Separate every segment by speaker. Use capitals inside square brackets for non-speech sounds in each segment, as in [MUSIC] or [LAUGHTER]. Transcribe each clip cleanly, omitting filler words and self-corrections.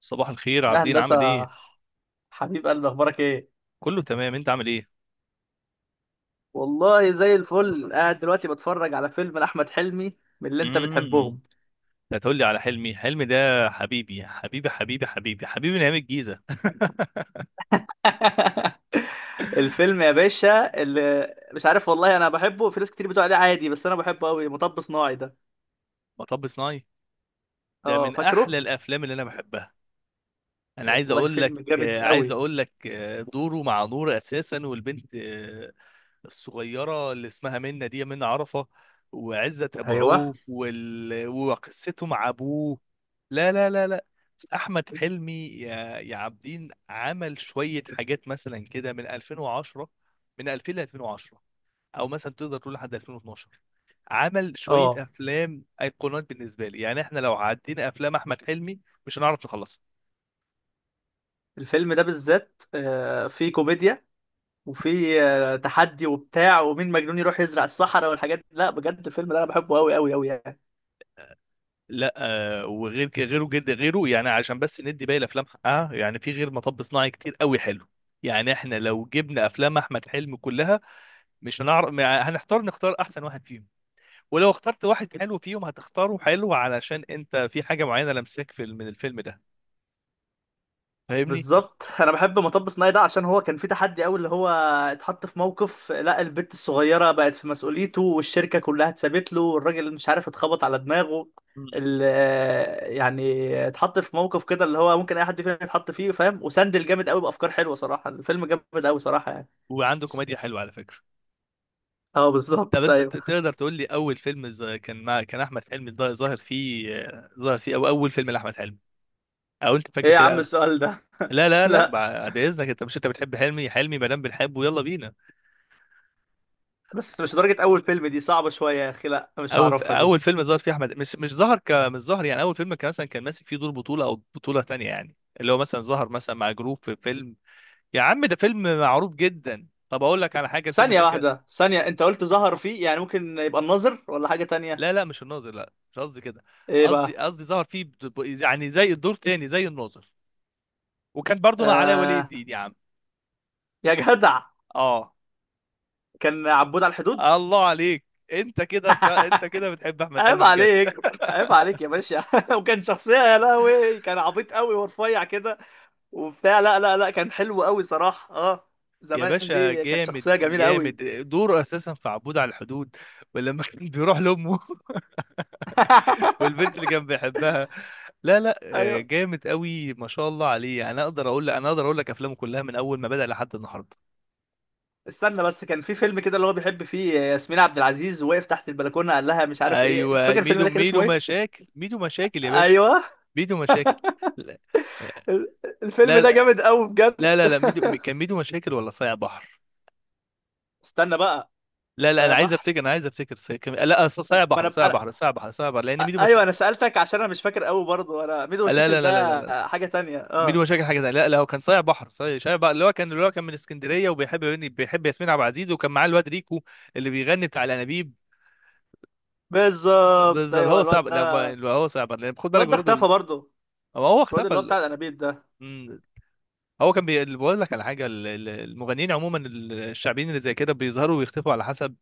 Speaker 1: صباح الخير
Speaker 2: يا
Speaker 1: عابدين،
Speaker 2: هندسة،
Speaker 1: عامل ايه؟
Speaker 2: حبيب قلبي، أخبارك إيه؟
Speaker 1: كله تمام، انت عامل ايه؟
Speaker 2: والله زي الفل، قاعد دلوقتي بتفرج على فيلم لأحمد حلمي من اللي انت
Speaker 1: امم
Speaker 2: بتحبهم.
Speaker 1: انت هتقول لي على حلمي. حلمي ده حبيبي حبيبي حبيبي حبيبي حبيبي نعيم الجيزه. [LAUGHS]
Speaker 2: [LAUGHS] الفيلم يا باشا اللي مش عارف، والله أنا بحبه. في ناس كتير بتقول عليه عادي، بس أنا بحبه أوي. مطب صناعي ده،
Speaker 1: مطب صناعي ده
Speaker 2: أه
Speaker 1: من
Speaker 2: فاكره؟
Speaker 1: احلى الافلام اللي انا بحبها. انا عايز
Speaker 2: والله
Speaker 1: اقول لك،
Speaker 2: فيلم جامد
Speaker 1: عايز
Speaker 2: أوي.
Speaker 1: اقول لك، دوره مع نور اساسا، والبنت، الصغيره اللي اسمها منى، دي منى عرفه، وعزت ابو
Speaker 2: أيوه.
Speaker 1: عوف وقصته مع ابوه. لا لا لا لا، احمد حلمي يا عابدين عمل شويه حاجات مثلا كده من 2010، من 2000 ل 2010، او مثلا تقدر تقول لحد 2012. عمل شويه
Speaker 2: أه،
Speaker 1: افلام ايقونات بالنسبه لي. يعني احنا لو عدينا افلام احمد حلمي مش هنعرف نخلصها.
Speaker 2: الفيلم ده بالذات فيه كوميديا، وفيه تحدي وبتاع، ومين مجنون يروح يزرع الصحراء والحاجات دي. لا بجد، الفيلم ده أنا بحبه أوي أوي أوي يعني.
Speaker 1: لا، وغير غيره، جد غيره يعني، عشان بس ندي باقي الافلام حقها. يعني في غير مطب صناعي كتير قوي حلو. يعني احنا لو جبنا افلام احمد حلمي كلها مش هنعرف، هنحتار نختار احسن واحد فيهم. ولو اخترت واحد حلو فيهم هتختاره حلو علشان انت في حاجه معينه لمساك في من الفيلم ده. فاهمني؟
Speaker 2: بالظبط. [LAUGHS] انا بحب مطب صناعي ده عشان هو كان في تحدي قوي، اللي هو اتحط في موقف. لا، البت الصغيره بقت في مسؤوليته، والشركه كلها اتسابت له، والراجل مش عارف اتخبط على دماغه.
Speaker 1: مم.
Speaker 2: يعني اتحط في موقف كده اللي هو ممكن اي حد فينا يتحط فيه، فاهم؟ وسندل جامد قوي بافكار حلوه صراحه. الفيلم جامد قوي صراحه يعني.
Speaker 1: وعنده كوميديا حلوه على فكره.
Speaker 2: اه
Speaker 1: طب
Speaker 2: بالظبط،
Speaker 1: انت
Speaker 2: ايوه.
Speaker 1: تقدر تقول لي اول فيلم كان كان احمد حلمي ظاهر فيه، ظاهر فيه، او اول فيلم لاحمد حلمي، او انت
Speaker 2: ايه
Speaker 1: فاكر
Speaker 2: يا عم
Speaker 1: كده؟
Speaker 2: السؤال ده؟ [LAUGHS]
Speaker 1: لا لا لا،
Speaker 2: لا،
Speaker 1: بعد اذنك، انت بتحب حلمي. حلمي ما دام بنحبه يلا بينا.
Speaker 2: بس مش درجه اول فيلم دي صعبه شويه يا اخي. لا مش هعرفها دي.
Speaker 1: اول فيلم ظهر فيه احمد، مش ظهر، يعني اول فيلم كان مثلا، ماسك فيه دور بطوله او بطوله تانية، يعني اللي هو مثلا ظهر مثلا مع جروب في فيلم. يا عم ده فيلم معروف جدا. طب اقول لك على حاجه، الفيلم
Speaker 2: ثانيه
Speaker 1: ده كان...
Speaker 2: واحده، ثانيه، انت قلت ظهر فيه، يعني ممكن يبقى الناظر ولا حاجه
Speaker 1: لا
Speaker 2: تانية؟
Speaker 1: لا، مش الناظر، لا مش قصدي كده.
Speaker 2: ايه
Speaker 1: قصدي
Speaker 2: بقى؟
Speaker 1: قصدي ظهر فيه يعني زي الدور تاني زي الناظر. وكان برضو مع علاء ولي
Speaker 2: آه،
Speaker 1: الدين يا عم.
Speaker 2: يا جدع،
Speaker 1: اه،
Speaker 2: كان عبود على الحدود.
Speaker 1: الله عليك. انت كده
Speaker 2: [LAUGHS]
Speaker 1: بتحب احمد
Speaker 2: عيب
Speaker 1: حلمي بجد.
Speaker 2: عليك،
Speaker 1: [LAUGHS]
Speaker 2: عيب عليك يا باشا. [LAUGHS] وكان شخصية، يا لهوي، كان عبيط قوي ورفيع كده وبتاع. لا لا لا، كان حلو قوي صراحة، اه.
Speaker 1: يا
Speaker 2: زمان
Speaker 1: باشا
Speaker 2: دي كانت
Speaker 1: جامد
Speaker 2: شخصية جميلة
Speaker 1: جامد،
Speaker 2: قوي.
Speaker 1: دوره اساسا في عبود على الحدود. ولما كان بيروح لامه [LAUGHS]
Speaker 2: [LAUGHS]
Speaker 1: والبنت اللي كان بيحبها. لا لا،
Speaker 2: ايوه،
Speaker 1: جامد قوي ما شاء الله عليه. انا اقدر اقول لك افلامه كلها من اول ما بدأ لحد النهارده.
Speaker 2: استنى بس. كان في فيلم كده اللي هو بيحب فيه ياسمين عبد العزيز، وقف تحت البلكونة قال لها مش عارف ايه. انت
Speaker 1: ايوه،
Speaker 2: فاكر الفيلم
Speaker 1: ميدو،
Speaker 2: ده كان اسمه
Speaker 1: ميدو
Speaker 2: ايه؟
Speaker 1: مشاكل، ميدو مشاكل يا باشا.
Speaker 2: ايوه.
Speaker 1: ميدو مشاكل. لا
Speaker 2: ال- الفيلم
Speaker 1: لا
Speaker 2: ده
Speaker 1: لا
Speaker 2: جامد قوي بجد.
Speaker 1: لا لا لا.
Speaker 2: [LAUGHS]
Speaker 1: كان ميدو مشاكل ولا صايع بحر؟
Speaker 2: استنى بقى.
Speaker 1: لا لا،
Speaker 2: صايع بحر.
Speaker 1: انا عايز افتكر، لا صايع
Speaker 2: ما
Speaker 1: بحر، صايع
Speaker 2: انا،
Speaker 1: بحر، صايع بحر، صايع بحر، لان ميدو
Speaker 2: ايوه،
Speaker 1: مشاكل...
Speaker 2: انا سالتك عشان انا مش فاكر قوي برضه. انا ميدو
Speaker 1: لا
Speaker 2: مشاكل
Speaker 1: لا لا لا لا لا
Speaker 2: ده
Speaker 1: لا.
Speaker 2: حاجه تانية، اه.
Speaker 1: ميدو مشاكل حاجه تانية. لا لا، هو كان صايع بحر، صايع بحر، اللي هو كان من اسكندريه، بيحب ياسمين عبد العزيز، وكان معاه الواد ريكو اللي بيغني بتاع الانابيب.
Speaker 2: بالظبط،
Speaker 1: بالظبط.
Speaker 2: ايوه
Speaker 1: هو
Speaker 2: الواد
Speaker 1: صعب لا
Speaker 2: ده.
Speaker 1: ب- هو صعب لان خد بالك
Speaker 2: الواد ده
Speaker 1: برضه
Speaker 2: اختفى برضه.
Speaker 1: هو
Speaker 2: الواد اللي هو
Speaker 1: اختفى.
Speaker 2: بتاع الانابيب ده.
Speaker 1: بقول لك على حاجه، المغنيين عموما، الشعبيين اللي زي كده بيظهروا ويختفوا على حسب،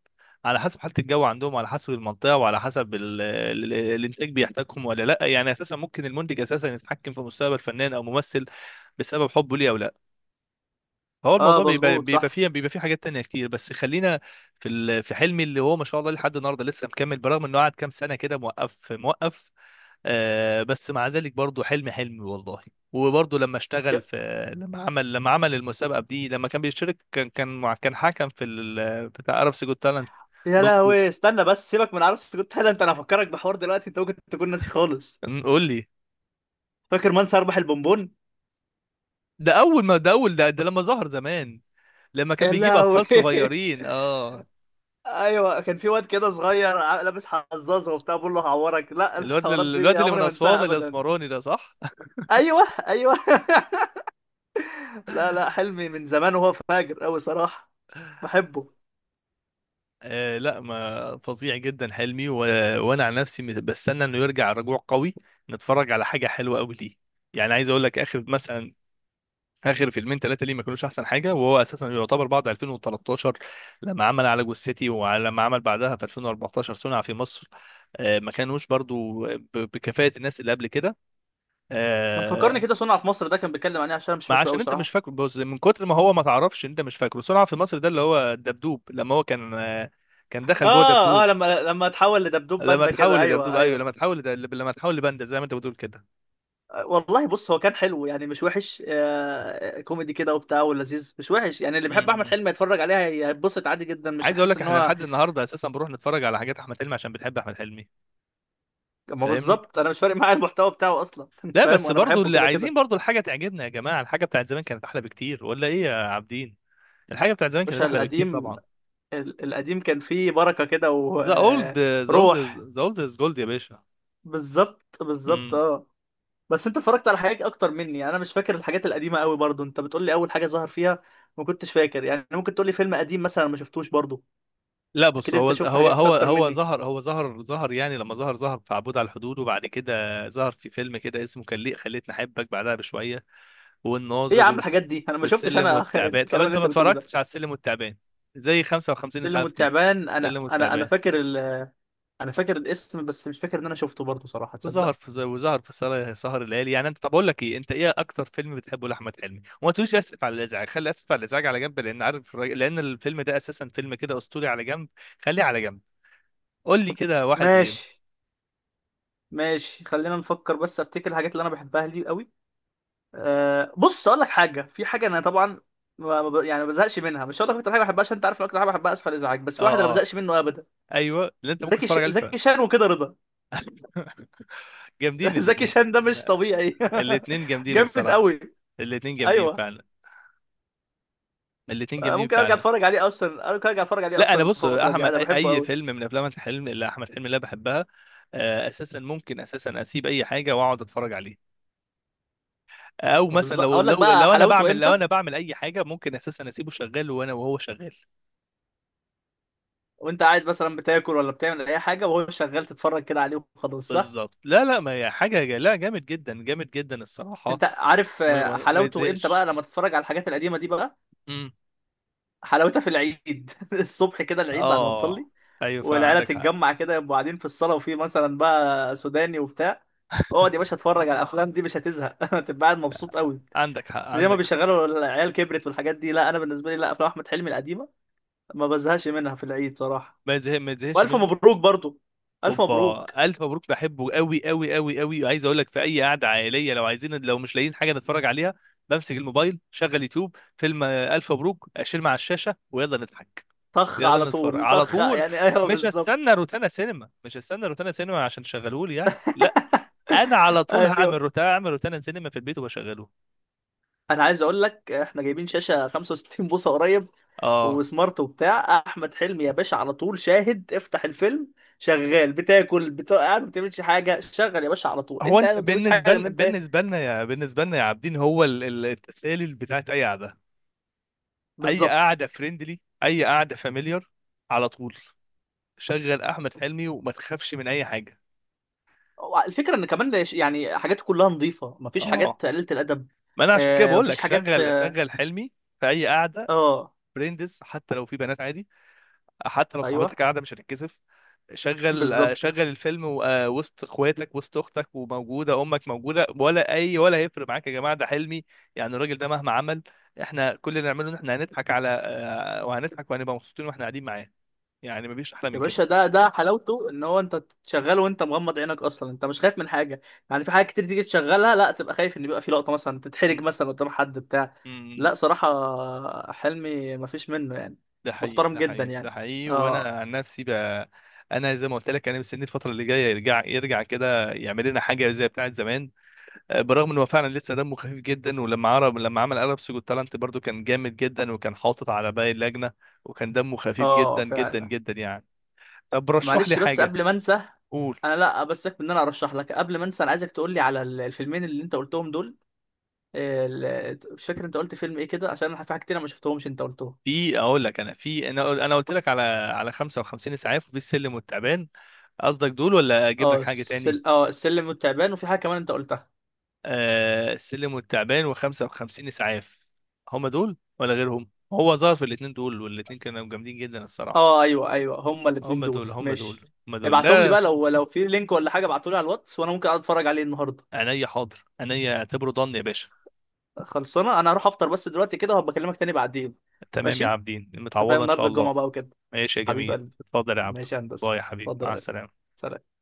Speaker 1: على حسب حاله الجو عندهم، وعلى حسب المنطقه، وعلى حسب الانتاج بيحتاجهم ولا لا. يعني اساسا ممكن المنتج اساسا يتحكم في مستقبل فنان او ممثل بسبب حبه ليه او لا. فهو
Speaker 2: اه
Speaker 1: الموضوع بيبقى،
Speaker 2: مظبوط صح.
Speaker 1: بيبقى فيه حاجات تانية كتير، بس خلينا في في حلمي اللي هو ما شاء الله لحد النهارده لسه مكمل. برغم انه قعد كام سنه كده موقف موقف، بس مع ذلك برضو حلمي والله. وبرضو لما اشتغل في،
Speaker 2: ك-
Speaker 1: لما عمل المسابقة دي، لما كان بيشترك، كان كان حكم في بتاع عرب سيجو تالنت
Speaker 2: يا
Speaker 1: برضو.
Speaker 2: لهوي، استنى بس، سيبك من عروسة كنت هذا. انت انا هفكرك بحوار دلوقتي، انت ممكن تكون ناسي خالص.
Speaker 1: قول لي.
Speaker 2: فاكر من سيربح البونبون؟
Speaker 1: ده اول ما ده اول ده, ده لما ظهر زمان، لما كان
Speaker 2: يا
Speaker 1: بيجيب
Speaker 2: لهوي.
Speaker 1: اطفال
Speaker 2: [LAUGHS]
Speaker 1: صغيرين. اه،
Speaker 2: ايوه، كان في واد كده صغير لابس حزازه وبتاع، بقول له هعورك. لا،
Speaker 1: الواد
Speaker 2: الحوارات
Speaker 1: الواد
Speaker 2: دي
Speaker 1: اللي من
Speaker 2: عمري ما
Speaker 1: اسوان
Speaker 2: انساها ابدا.
Speaker 1: الاسمراني ده، صح؟
Speaker 2: ايوه ايوه. [LAUGHS] لا لا، حلمي من زمان وهو فاجر قوي صراحة. بحبه.
Speaker 1: آه، لا ما فظيع جدا حلمي وانا عن نفسي، بستنى انه يرجع رجوع قوي، نتفرج على حاجة حلوة قوي ليه. يعني عايز اقول لك، اخر فيلمين ثلاثه ليه ما كانوش احسن حاجه، وهو اساسا يعتبر بعد 2013 لما عمل على جوز سيتي، ولما عمل بعدها في 2014 صنع في مصر، ما كانوش برضو بكفاءه الناس اللي قبل كده.
Speaker 2: ما تفكرني
Speaker 1: آه،
Speaker 2: كده، صنع في مصر ده كان بيتكلم عن ايه؟ عشان أنا مش
Speaker 1: ما
Speaker 2: فاكره قوي
Speaker 1: عشان انت مش
Speaker 2: صراحه.
Speaker 1: فاكره، بص، من كتر ما هو ما تعرفش انت مش فاكره. صنع في مصر ده اللي هو دبدوب، لما هو كان كان دخل جوه
Speaker 2: اه اه،
Speaker 1: دبدوب.
Speaker 2: لما اتحول لدبدوب
Speaker 1: لما
Speaker 2: باندا
Speaker 1: تحول
Speaker 2: كده،
Speaker 1: لدبدوب،
Speaker 2: ايوه
Speaker 1: ايوه،
Speaker 2: ايوه.
Speaker 1: لما لما تحول لباندا زي ما انت بتقول كده.
Speaker 2: والله بص، هو كان حلو يعني، مش وحش. كوميدي كده وبتاع ولذيذ، مش وحش يعني. اللي
Speaker 1: م-
Speaker 2: بيحب احمد
Speaker 1: م.
Speaker 2: حلمي يتفرج عليها هيتبسط عادي جدا، مش
Speaker 1: عايز اقول
Speaker 2: هيحس
Speaker 1: لك،
Speaker 2: ان
Speaker 1: احنا
Speaker 2: هو...
Speaker 1: لحد النهارده اساسا بنروح نتفرج على حاجات احمد حلمي عشان بنحب احمد حلمي.
Speaker 2: ما
Speaker 1: فاهمني؟
Speaker 2: بالظبط، انا مش فارق معايا المحتوى بتاعه اصلا. [LAUGHS]
Speaker 1: لا
Speaker 2: فاهم؟
Speaker 1: بس
Speaker 2: وانا
Speaker 1: برضو
Speaker 2: بحبه
Speaker 1: اللي
Speaker 2: كده
Speaker 1: عايزين
Speaker 2: كده.
Speaker 1: برضو الحاجة تعجبنا يا جماعة. الحاجة بتاعت زمان كانت أحلى بكتير، ولا إيه يا عابدين؟ الحاجة بتاعت زمان كانت
Speaker 2: باشا
Speaker 1: أحلى بكتير
Speaker 2: القديم.
Speaker 1: طبعا.
Speaker 2: القديم كان فيه بركه كده
Speaker 1: ذا أولد ذا أولد
Speaker 2: وروح.
Speaker 1: ذا أولد از جولد يا باشا.
Speaker 2: بالظبط بالظبط،
Speaker 1: امم
Speaker 2: اه. بس انت اتفرجت على حاجات اكتر مني، يعني انا مش فاكر الحاجات القديمه قوي برضو. انت بتقول لي اول حاجه ظهر فيها ما كنتش فاكر، يعني ممكن تقول لي فيلم قديم مثلا أنا ما شفتوش برضو؟
Speaker 1: لا بص،
Speaker 2: اكيد
Speaker 1: هو
Speaker 2: انت شفت
Speaker 1: هو
Speaker 2: حاجات
Speaker 1: هو
Speaker 2: اكتر
Speaker 1: هو
Speaker 2: مني.
Speaker 1: ظهر، هو ظهر يعني، لما ظهر، ظهر في عبود على الحدود، وبعد كده ظهر في فيلم كده اسمه كان ليه خليتني أحبك بعدها بشوية،
Speaker 2: ايه يا
Speaker 1: والناظر
Speaker 2: عم الحاجات دي؟ انا ما شفتش
Speaker 1: والسلم
Speaker 2: انا. [LAUGHS]
Speaker 1: والتعبان. طب
Speaker 2: الكلام
Speaker 1: أنت
Speaker 2: اللي
Speaker 1: ما
Speaker 2: انت بتقوله ده...
Speaker 1: اتفرجتش على السلم والتعبان زي 55
Speaker 2: سلم
Speaker 1: إسعاف كده؟
Speaker 2: والتعبان، انا
Speaker 1: السلم
Speaker 2: انا انا
Speaker 1: والتعبان.
Speaker 2: فاكر انا فاكر الاسم، بس مش فاكر ان انا شفته برضو صراحه، تصدق؟
Speaker 1: وظهر في سهر الليالي يعني. انت، طب اقول لك ايه، انت ايه اكتر فيلم بتحبه لاحمد حلمي، وما تقوليش اسف على الازعاج، خلي اسف على الازعاج على جنب لان عارف لان الفيلم ده اساسا فيلم كده اسطوري، على جنب، خليه على جنب، قول لي كده واحد غير.
Speaker 2: ماشي، ماشي، خلينا نفكر بس، افتكر الحاجات اللي انا بحبها لي قوي. أه بص اقول لك حاجه، في حاجه انا طبعا ما- ما ب- يعني ما بزهقش منها. مش هقول لك اكتر حاجه بحبها عشان انت عارف إن اكتر حاجه بحبها اسفل ازعاج، بس في واحد انا ما
Speaker 1: اه اه،
Speaker 2: بزهقش منه ابدا.
Speaker 1: ايوه اللي انت ممكن تتفرج عليه فعلا.
Speaker 2: زكي شان، وكده رضا.
Speaker 1: [LAUGHS] جامدين
Speaker 2: [LAUGHS] زكي
Speaker 1: الاثنين.
Speaker 2: شان ده مش طبيعي.
Speaker 1: الاثنين
Speaker 2: [LAUGHS]
Speaker 1: جامدين
Speaker 2: جامد
Speaker 1: الصراحه.
Speaker 2: قوي.
Speaker 1: الاثنين جامدين
Speaker 2: ايوه.
Speaker 1: فعلا. الاثنين جامدين
Speaker 2: ممكن ارجع
Speaker 1: فعلا.
Speaker 2: اتفرج عليه اصلا، ممكن ارجع اتفرج عليه
Speaker 1: لا انا
Speaker 2: اصلا
Speaker 1: بص،
Speaker 2: الفتره دي،
Speaker 1: احمد
Speaker 2: انا
Speaker 1: اي
Speaker 2: بحبه
Speaker 1: أي
Speaker 2: قوي.
Speaker 1: فيلم من افلام احمد حلمي، اللي أنا بحبها، اساسا ممكن اساسا اسيب اي حاجه واقعد اتفرج عليه. او
Speaker 2: طب
Speaker 1: مثلا،
Speaker 2: بالظبط اقول لك بقى
Speaker 1: لو انا
Speaker 2: حلاوته
Speaker 1: بعمل،
Speaker 2: امتى،
Speaker 1: اي حاجه، ممكن اساسا اسيبه شغال وانا وهو شغال.
Speaker 2: وانت قاعد مثلا بتاكل ولا بتعمل اي حاجه وهو شغال، تتفرج كده عليه وخلاص، صح؟
Speaker 1: بالظبط. لا لا، ما هي حاجه لا جامد جدا، جامد جدا الصراحه.
Speaker 2: انت عارف
Speaker 1: ما
Speaker 2: حلاوته امتى
Speaker 1: يتزهقش.
Speaker 2: بقى؟ لما تتفرج على الحاجات القديمه دي بقى،
Speaker 1: امم
Speaker 2: حلاوتها في العيد. [LAUGHS] الصبح كده، العيد بعد ما
Speaker 1: اه
Speaker 2: تصلي
Speaker 1: ايوه،
Speaker 2: والعيله
Speaker 1: فعندك حق،
Speaker 2: تتجمع كده، يبقوا قاعدين في الصاله، وفي مثلا بقى سوداني وبتاع. اقعد يا باشا اتفرج على الافلام دي مش هتزهق. [LAUGHS] هتبقى قاعد مبسوط قوي.
Speaker 1: عندك حق،
Speaker 2: زي ما
Speaker 1: عندك حق.
Speaker 2: بيشغلوا العيال كبرت والحاجات دي. لا انا بالنسبه لي، لا، افلام احمد حلمي القديمه ما بزهقش منها في العيد صراحه.
Speaker 1: ما يتزهقش
Speaker 2: والف
Speaker 1: منه.
Speaker 2: مبروك برضو، الف
Speaker 1: اوبا،
Speaker 2: مبروك.
Speaker 1: الف مبروك، بحبه قوي قوي قوي قوي. وعايز اقول لك، في اي قعده عائليه، لو عايزين لو مش لاقيين حاجه نتفرج عليها، بمسك الموبايل، شغل يوتيوب فيلم، الف مبروك، اشيل مع الشاشه ويلا نضحك.
Speaker 2: طخ على
Speaker 1: يلا نتفرج
Speaker 2: طول،
Speaker 1: على
Speaker 2: طخ
Speaker 1: طول.
Speaker 2: يعني، ايوه
Speaker 1: مش هستنى
Speaker 2: بالظبط.
Speaker 1: روتانا سينما، مش هستنى روتانا سينما عشان تشغلهولي يعني، لا، انا على
Speaker 2: [LAUGHS]
Speaker 1: طول هعمل
Speaker 2: ايوه،
Speaker 1: روتانا، اعمل روتانا سينما في البيت وبشغله.
Speaker 2: انا عايز اقول لك، احنا جايبين شاشه 65 بوصه قريب،
Speaker 1: اه،
Speaker 2: وسمارت وبتاع. احمد حلمي يا باشا على طول شاهد، افتح الفيلم شغال، بتاكل بتاع قاعد ما بتعملش حاجه. شغل يا باشا على طول،
Speaker 1: هو
Speaker 2: انت قاعد
Speaker 1: انت
Speaker 2: ما بتعملش حاجه
Speaker 1: بالنسبه
Speaker 2: غير ان
Speaker 1: لنا،
Speaker 2: انت ايه.
Speaker 1: بالنسبه لنا يا عابدين، هو التسالي بتاعت اي قعده، اي
Speaker 2: بالظبط.
Speaker 1: قعده فريندلي، اي قعده فاميليار، على طول شغل احمد حلمي، وما تخافش من اي حاجه.
Speaker 2: هو الفكره ان كمان، يعني حاجاته كلها نظيفه، مفيش
Speaker 1: اه،
Speaker 2: حاجات قليله الادب.
Speaker 1: ما انا عشان كده
Speaker 2: آه
Speaker 1: بقول
Speaker 2: مفيش
Speaker 1: لك
Speaker 2: حاجات،
Speaker 1: شغل،
Speaker 2: اه،
Speaker 1: حلمي في اي قعده
Speaker 2: آه،
Speaker 1: فريندز، حتى لو في بنات عادي، حتى لو
Speaker 2: ايوه
Speaker 1: صاحبتك قاعده مش هتتكسف. شغل، شغل
Speaker 2: بالظبط.
Speaker 1: الفيلم وسط اخواتك وسط اختك، وموجوده امك موجوده، ولا اي ولا هيفرق معاك؟ يا جماعه ده حلمي. يعني الراجل ده مهما عمل، احنا كل اللي نعمله ان احنا هنضحك على، وهنضحك وهنبقى مبسوطين واحنا قاعدين معاه، يعني مفيش احلى
Speaker 2: يا
Speaker 1: من
Speaker 2: باشا،
Speaker 1: كده.
Speaker 2: ده حلاوته ان هو انت تشغله وانت مغمض عينك اصلا، انت مش خايف من حاجه. يعني في حاجات كتير تيجي تشغلها لا تبقى خايف ان يبقى في لقطه مثلا تتحرج
Speaker 1: م-
Speaker 2: مثلا قدام حد بتاع.
Speaker 1: م-
Speaker 2: لا صراحه، حلمي مفيش منه يعني،
Speaker 1: ده حقيقي،
Speaker 2: محترم
Speaker 1: ده
Speaker 2: جدا
Speaker 1: حقيقي، ده
Speaker 2: يعني.
Speaker 1: حقيقي. وانا
Speaker 2: اه
Speaker 1: عن نفسي بقى، انا زي ما قلت لك، انا مستني الفتره اللي جايه يرجع، يرجع كده، يعمل لنا حاجه زي بتاعه زمان. برغم ان هو فعلا لسه دمه خفيف جدا، ولما عرب لما عمل عرب سجود تالنت برضو كان جامد جدا، وكان حاطط على باقي اللجنه، وكان دمه خفيف
Speaker 2: اه
Speaker 1: جدا جدا
Speaker 2: فعلا.
Speaker 1: جدا يعني. طب رشح لي
Speaker 2: معلش بس
Speaker 1: حاجه.
Speaker 2: قبل ما انسى.
Speaker 1: قول.
Speaker 2: انا لا بسك ان انا ارشح لك، قبل ما انسى انا عايزك تقول لي على الفيلمين اللي انت قلتهم دول. مش فاكر انت قلت فيلم ايه كده، عشان أنا في حاجه كتير انا ما شفتهمش انت قلتهم.
Speaker 1: في، انا قلت لك على، 55 اسعاف، وفي السلم والتعبان. قصدك دول ولا اجيب لك
Speaker 2: اه،
Speaker 1: حاجه تاني؟
Speaker 2: اه، السلم والتعبان، وفي حاجه كمان انت قلتها.
Speaker 1: آه السلم والتعبان، وخمسة وخمسين إسعاف. هم دول ولا غيرهم؟ هو ظهر في الاتنين دول، والاتنين كانوا جامدين جدا الصراحة.
Speaker 2: اه ايوه ايوه، هما
Speaker 1: هم
Speaker 2: الاثنين دول
Speaker 1: دول، هم دول،
Speaker 2: ماشي.
Speaker 1: هم دول.
Speaker 2: ابعتهم لي بقى
Speaker 1: لا،
Speaker 2: لو في لينك ولا حاجه، ابعته لي على الواتس، وانا ممكن اقعد اتفرج عليه النهارده.
Speaker 1: عينيا حاضر، عينيا، اعتبره ضن يا باشا.
Speaker 2: خلصانه. انا هروح افطر بس دلوقتي كده، وهبقى اكلمك تاني بعدين.
Speaker 1: تمام يا
Speaker 2: ماشي.
Speaker 1: عابدين،
Speaker 2: انت فاهم
Speaker 1: متعوضة إن شاء
Speaker 2: النهارده الجمعه
Speaker 1: الله.
Speaker 2: بقى وكده.
Speaker 1: ماشي يا
Speaker 2: حبيب
Speaker 1: جميل،
Speaker 2: قلبي.
Speaker 1: اتفضل يا عبدو.
Speaker 2: ماشي يا هندسه.
Speaker 1: باي يا حبيبي،
Speaker 2: اتفضل يا
Speaker 1: مع
Speaker 2: غالي.
Speaker 1: السلامة.
Speaker 2: سلام.